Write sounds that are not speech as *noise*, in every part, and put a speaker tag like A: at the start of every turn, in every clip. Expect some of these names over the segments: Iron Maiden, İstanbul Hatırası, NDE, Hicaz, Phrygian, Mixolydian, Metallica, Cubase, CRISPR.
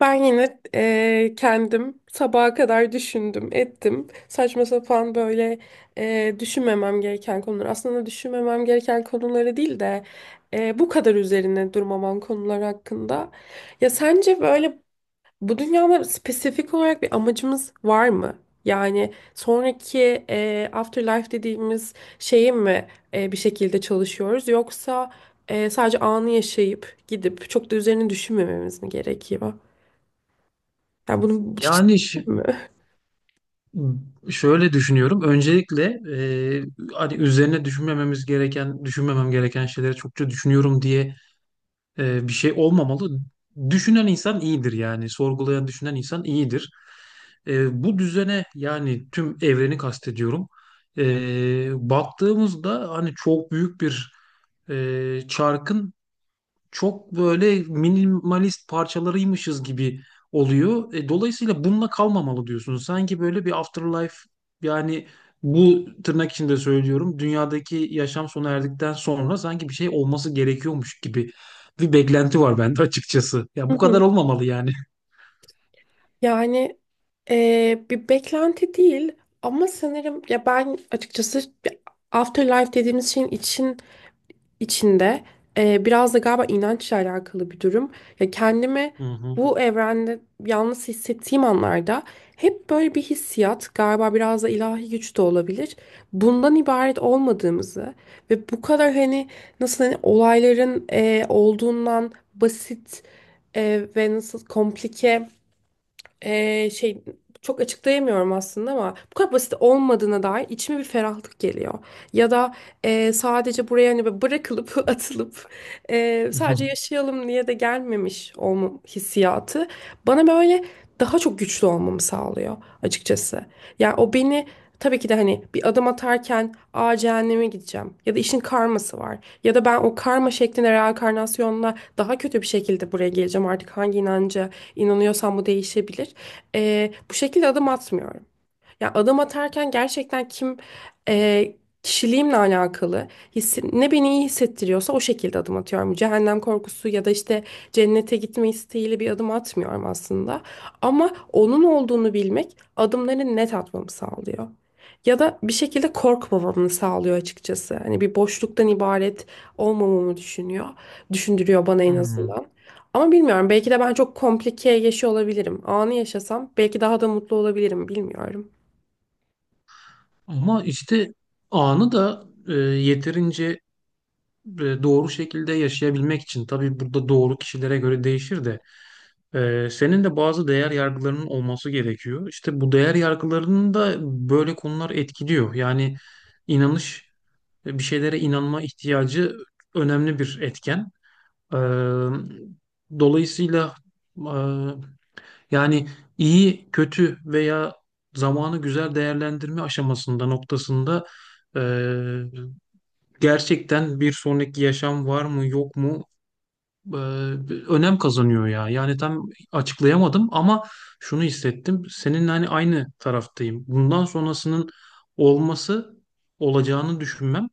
A: Ben yine kendim sabaha kadar düşündüm, ettim. Saçma sapan böyle düşünmemem gereken konular. Aslında düşünmemem gereken konuları değil de bu kadar üzerine durmamam konular hakkında. Ya sence böyle bu dünyada spesifik olarak bir amacımız var mı? Yani sonraki afterlife dediğimiz şeyi mi bir şekilde çalışıyoruz yoksa sadece anı yaşayıp gidip çok da üzerine düşünmememiz mi gerekiyor? Ya bunu hiç
B: Yani
A: mi?
B: şöyle düşünüyorum. Öncelikle e, hani üzerine düşünmememiz gereken, düşünmemem gereken şeyleri çokça düşünüyorum diye bir şey olmamalı. Düşünen insan iyidir yani. Sorgulayan, düşünen insan iyidir. Bu düzene yani tüm evreni kastediyorum. Baktığımızda hani çok büyük bir çarkın çok böyle minimalist parçalarıymışız gibi oluyor. Dolayısıyla bununla kalmamalı diyorsun. Sanki böyle bir afterlife, yani bu tırnak içinde söylüyorum. Dünyadaki yaşam sona erdikten sonra sanki bir şey olması gerekiyormuş gibi bir beklenti var bende açıkçası. Ya
A: Hı
B: bu kadar
A: hı.
B: olmamalı yani.
A: Yani bir beklenti değil ama sanırım ya ben açıkçası afterlife dediğimiz şeyin içinde biraz da galiba inançla alakalı bir durum. Ya kendimi
B: Hı hı.
A: bu evrende yalnız hissettiğim anlarda hep böyle bir hissiyat galiba biraz da ilahi güç de olabilir. Bundan ibaret olmadığımızı ve bu kadar hani nasıl hani olayların olduğundan basit ve nasıl komplike ee, şey çok açıklayamıyorum aslında ama bu kadar basit olmadığına dair içime bir ferahlık geliyor. Ya da sadece buraya hani böyle bırakılıp *laughs* atılıp
B: *laughs* Hı
A: sadece
B: hı.
A: yaşayalım diye de gelmemiş olma hissiyatı bana böyle daha çok güçlü olmamı sağlıyor açıkçası. Yani o beni tabii ki de hani bir adım atarken aa cehenneme gideceğim ya da işin karması var ya da ben o karma şeklinde reenkarnasyonla daha kötü bir şekilde buraya geleceğim artık hangi inanca inanıyorsam bu değişebilir, bu şekilde adım atmıyorum. Ya adım atarken gerçekten kim, e, kişiliğimle alakalı ne beni iyi hissettiriyorsa o şekilde adım atıyorum. Cehennem korkusu ya da işte cennete gitme isteğiyle bir adım atmıyorum aslında. Ama onun olduğunu bilmek adımları net atmamı sağlıyor. Ya da bir şekilde korkmamamı sağlıyor açıkçası. Hani bir boşluktan ibaret olmamamı düşünüyor. Düşündürüyor bana en
B: Hı.
A: azından. Ama bilmiyorum, belki de ben çok komplike yaşıyor olabilirim. Anı yaşasam belki daha da mutlu olabilirim, bilmiyorum.
B: Ama işte anı da yeterince doğru şekilde yaşayabilmek için tabii burada doğru kişilere göre değişir de Senin de bazı değer yargılarının olması gerekiyor. İşte bu değer yargılarını da böyle konular etkiliyor. Yani inanış, bir şeylere inanma ihtiyacı önemli bir etken. Ee, dolayısıyla e, yani iyi, kötü veya zamanı güzel değerlendirme aşamasında, noktasında e, gerçekten bir sonraki yaşam var mı, yok mu? e, önem kazanıyor ya. Yani tam açıklayamadım ama şunu hissettim. Seninle hani aynı taraftayım. Bundan sonrasının olması, olacağını düşünmem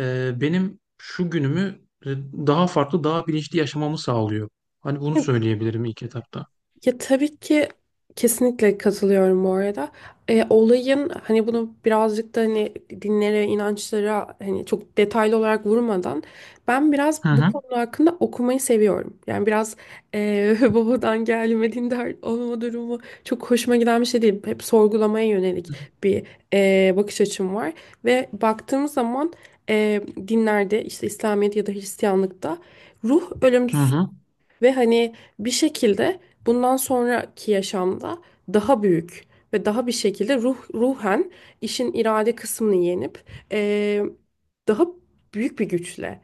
B: benim şu günümü daha farklı, daha bilinçli yaşamamı sağlıyor. Hani bunu
A: Evet,
B: söyleyebilirim ilk etapta.
A: ya tabii ki kesinlikle katılıyorum bu arada. E, olayın hani bunu birazcık da hani dinlere, inançlara hani çok detaylı olarak vurmadan ben biraz
B: Hı
A: bu
B: hı.
A: konu hakkında okumayı seviyorum. Yani biraz, *laughs* babadan gelme dindar olma durumu çok hoşuma giden bir şey değil. Hep sorgulamaya yönelik bir, bakış açım var. Ve baktığımız zaman, e, dinlerde işte İslamiyet ya da Hristiyanlıkta ruh
B: Hı
A: ölümsüz.
B: hı.
A: Ve hani bir şekilde bundan sonraki yaşamda daha büyük ve daha bir şekilde ruh, ruhen işin irade kısmını yenip eee, daha büyük bir güçle,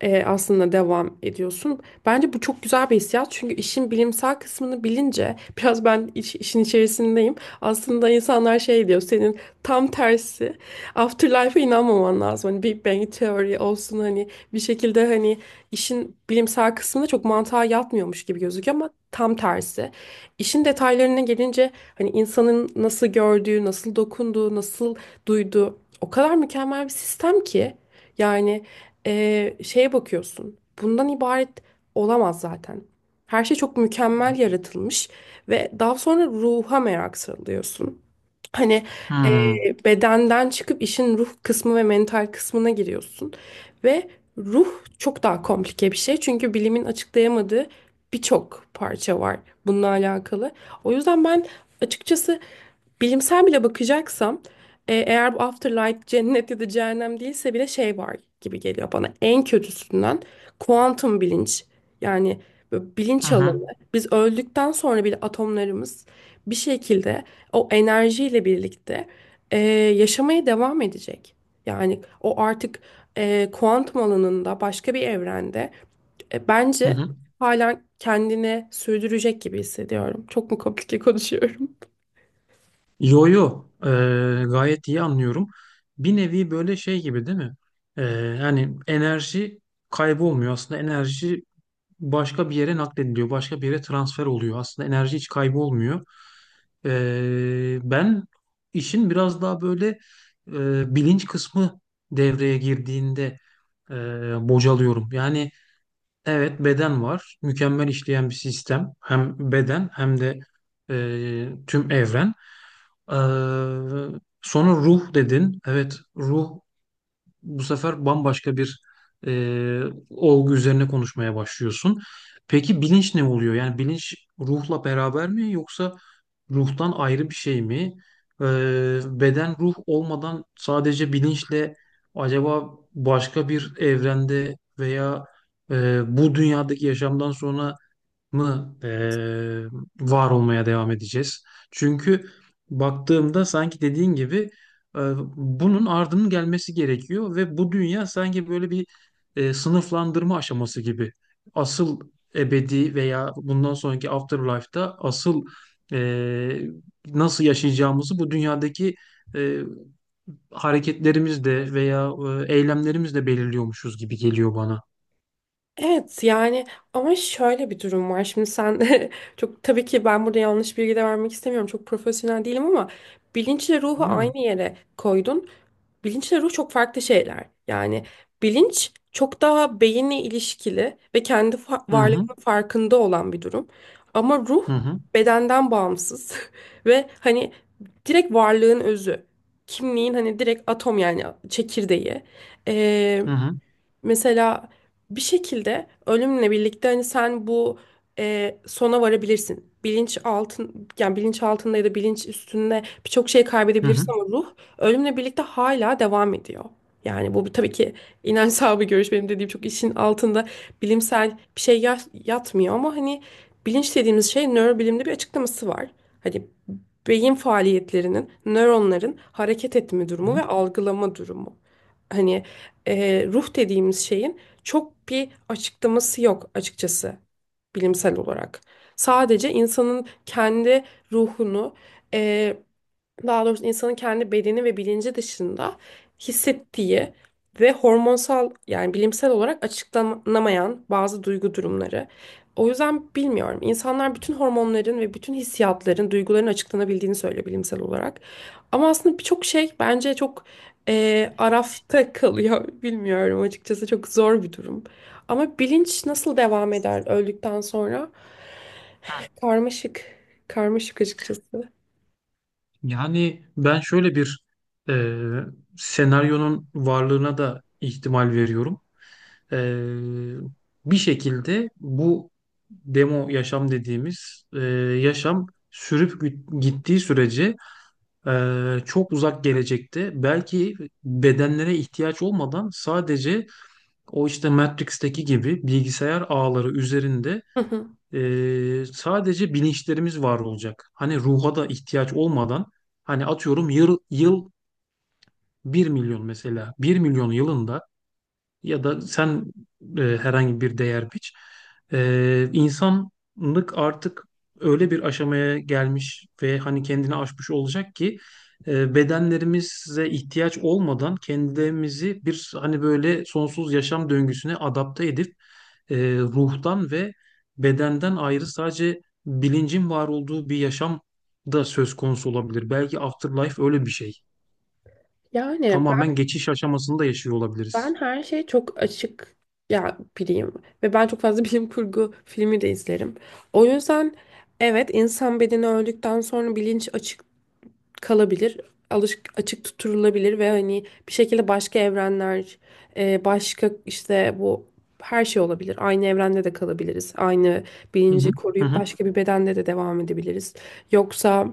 A: aslında devam ediyorsun. Bence bu çok güzel bir hissiyat çünkü işin bilimsel kısmını bilince *laughs* biraz ben işin içerisindeyim. Aslında insanlar şey diyor, senin tam tersi afterlife'a inanmaman lazım. Hani Big Bang teori olsun, hani bir şekilde hani işin bilimsel kısmında çok mantığa yatmıyormuş gibi gözüküyor ama tam tersi. İşin detaylarına gelince hani insanın nasıl gördüğü, nasıl dokunduğu, nasıl duyduğu o kadar mükemmel bir sistem ki, yani, şeye bakıyorsun. Bundan ibaret olamaz zaten. Her şey çok mükemmel yaratılmış ve daha sonra ruha merak sarılıyorsun. Hani,
B: Hı
A: e,
B: hı.
A: bedenden çıkıp işin ruh kısmı ve mental kısmına giriyorsun. Ve ruh çok daha komplike bir şey. Çünkü bilimin açıklayamadığı birçok parça var bununla alakalı. O yüzden ben açıkçası bilimsel bile bakacaksam, eğer bu afterlife cennet ya da cehennem değilse bile şey var gibi geliyor bana. En kötüsünden kuantum bilinç, yani böyle
B: Hı
A: bilinç
B: hı.
A: alanı. Biz öldükten sonra bile atomlarımız bir şekilde o enerjiyle birlikte, e, yaşamaya devam edecek. Yani o artık, kuantum alanında başka bir evrende,
B: Hı
A: bence
B: hı.
A: hala kendini sürdürecek gibi hissediyorum. Çok mu komplike konuşuyorum?
B: Yo yo. Gayet iyi anlıyorum. Bir nevi böyle şey gibi değil mi? Ee, yani enerji kaybolmuyor. Aslında enerji başka bir yere naklediliyor. Başka bir yere transfer oluyor. Aslında enerji hiç kaybolmuyor. Ben işin biraz daha böyle bilinç kısmı devreye girdiğinde e, bocalıyorum. Yani, evet, beden var. Mükemmel işleyen bir sistem. Hem beden hem de tüm evren. Ee, sonra ruh dedin. Evet, ruh bu sefer bambaşka bir e, olgu üzerine konuşmaya başlıyorsun. Peki bilinç ne oluyor? Yani bilinç ruhla beraber mi yoksa ruhtan ayrı bir şey mi? E, beden ruh olmadan sadece bilinçle acaba başka bir evrende veya bu dünyadaki yaşamdan sonra mı var olmaya devam edeceğiz? Çünkü baktığımda sanki dediğin gibi bunun ardının gelmesi gerekiyor ve bu dünya sanki böyle bir sınıflandırma aşaması gibi. Asıl ebedi veya bundan sonraki afterlife'da asıl eee, nasıl yaşayacağımızı bu dünyadaki eee hareketlerimizle veya eylemlerimizle belirliyormuşuz gibi geliyor bana.
A: Evet yani, ama şöyle bir durum var. Şimdi sen *laughs* çok, tabii ki ben burada yanlış bilgi de vermek istemiyorum. Çok profesyonel değilim ama bilinçle ruhu
B: Değil mi?
A: aynı yere koydun. Bilinçle ruh çok farklı şeyler. Yani bilinç çok daha beyinle ilişkili ve kendi
B: Hı hı,
A: varlığının farkında olan bir durum. Ama ruh
B: hı hı,
A: bedenden bağımsız *laughs* ve hani direkt varlığın özü. Kimliğin hani direkt atom, yani çekirdeği.
B: hı hı,
A: Mesela bir şekilde ölümle birlikte hani sen bu, sona varabilirsin. Bilinç altın yani bilinç altında ya da bilinç üstünde birçok şey
B: hı hı.
A: kaybedebilirsin ama ruh ölümle birlikte hala devam ediyor. Yani tabii ki inanç sahibi görüş benim dediğim, çok işin altında bilimsel bir şey yatmıyor ama hani bilinç dediğimiz şey nörobilimde bir açıklaması var. Hani beyin faaliyetlerinin, nöronların hareket etme
B: Hı
A: durumu
B: hı.
A: ve algılama durumu. Hani, ruh dediğimiz şeyin çok bir açıklaması yok açıkçası bilimsel olarak. Sadece insanın kendi ruhunu, e, daha doğrusu insanın kendi bedeni ve bilinci dışında hissettiği ve hormonsal yani bilimsel olarak açıklanamayan bazı duygu durumları. O yüzden bilmiyorum. İnsanlar bütün hormonların ve bütün hissiyatların, duyguların açıklanabildiğini söylüyor bilimsel olarak. Ama aslında birçok şey bence çok arafta kalıyor. *laughs* Bilmiyorum açıkçası, çok zor bir durum. Ama bilinç nasıl devam eder öldükten sonra? Karmaşık. Karmaşık açıkçası.
B: Yani ben şöyle bir e, senaryonun varlığına da ihtimal veriyorum. E, bir şekilde bu demo yaşam dediğimiz yaşam sürüp gittiği sürece çok uzak gelecekte belki bedenlere ihtiyaç olmadan sadece o işte Matrix'teki gibi bilgisayar ağları üzerinde
A: Hı hı.
B: sadece bilinçlerimiz var olacak. Hani ruha da ihtiyaç olmadan hani atıyorum yıl 1 milyon, mesela 1 milyon yılında ya da sen herhangi bir değer biç. İnsanlık artık öyle bir aşamaya gelmiş ve hani kendini aşmış olacak ki bedenlerimize ihtiyaç olmadan kendimizi bir hani böyle sonsuz yaşam döngüsüne adapte edip ruhtan ve bedenden ayrı sadece bilincin var olduğu bir yaşam da söz konusu olabilir. Belki afterlife öyle bir şey.
A: Yani.
B: Tamamen geçiş aşamasında yaşıyor
A: Ben
B: olabiliriz.
A: her şeye çok açık ya biriyim ve ben çok fazla *laughs* bilim kurgu filmi de izlerim. O yüzden evet, insan bedeni öldükten sonra bilinç açık kalabilir. Alış açık tutturulabilir ve hani bir şekilde başka evrenler, başka işte bu her şey olabilir. Aynı evrende de kalabiliriz. Aynı
B: Hı
A: bilinci
B: hı. Hı
A: koruyup
B: hı.
A: başka bir bedende de devam edebiliriz. Yoksa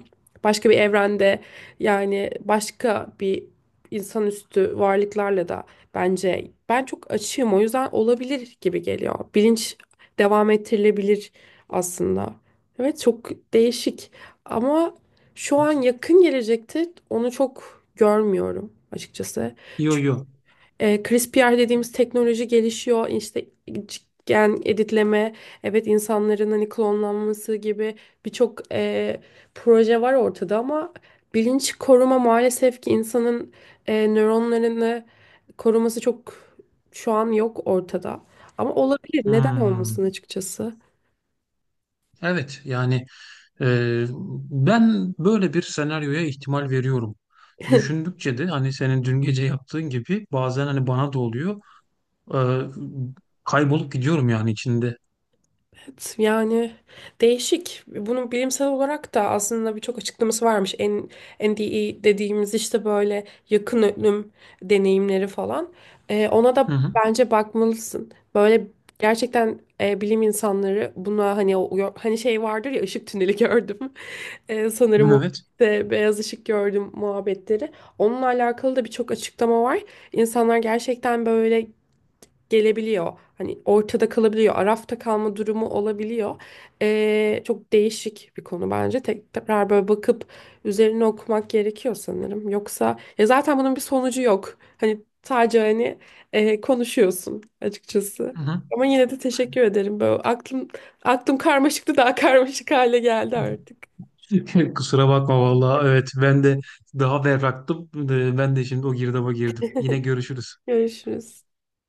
A: başka bir evrende yani başka bir insanüstü varlıklarla da bence ben çok açığım. O yüzden olabilir gibi geliyor. Bilinç devam ettirilebilir aslında. Evet çok değişik ama şu an yakın gelecekte onu çok görmüyorum açıkçası.
B: Yo
A: Çünkü
B: yo.
A: CRISPR dediğimiz teknoloji gelişiyor. İşte gen editleme, evet insanların hani klonlanması gibi birçok, proje var ortada ama bilinç koruma maalesef ki insanın, nöronlarını koruması çok, şu an yok ortada. Ama olabilir. Neden
B: Hmm.
A: olmasın açıkçası?
B: Evet yani e, ben böyle bir senaryoya ihtimal veriyorum. Düşündükçe de hani senin dün gece yaptığın gibi bazen hani bana da oluyor. E, kaybolup gidiyorum yani içinde.
A: Evet, yani değişik. Bunun bilimsel olarak da aslında birçok açıklaması varmış. En, NDE dediğimiz işte böyle yakın ölüm deneyimleri falan. Ona
B: Hı
A: da
B: hı.
A: bence bakmalısın. Böyle gerçekten, bilim insanları buna hani hani şey vardır ya, ışık tüneli gördüm. *laughs* Sanırım o
B: Evet.
A: de beyaz ışık gördüm muhabbetleri. Onunla alakalı da birçok açıklama var. İnsanlar gerçekten böyle gelebiliyor. Hani ortada kalabiliyor. Arafta kalma durumu olabiliyor. Çok değişik bir konu bence. Tekrar böyle bakıp üzerine okumak gerekiyor sanırım. Yoksa ya zaten bunun bir sonucu yok. Hani sadece hani, konuşuyorsun açıkçası.
B: Hı hı.
A: Ama yine de teşekkür ederim. Böyle aklım karmaşıktı, daha *laughs* karmaşık hale geldi artık.
B: *laughs* Kusura bakma vallahi. Evet ben de daha berraktım. Ben de şimdi o girdaba girdim. Yine görüşürüz.
A: Görüşürüz.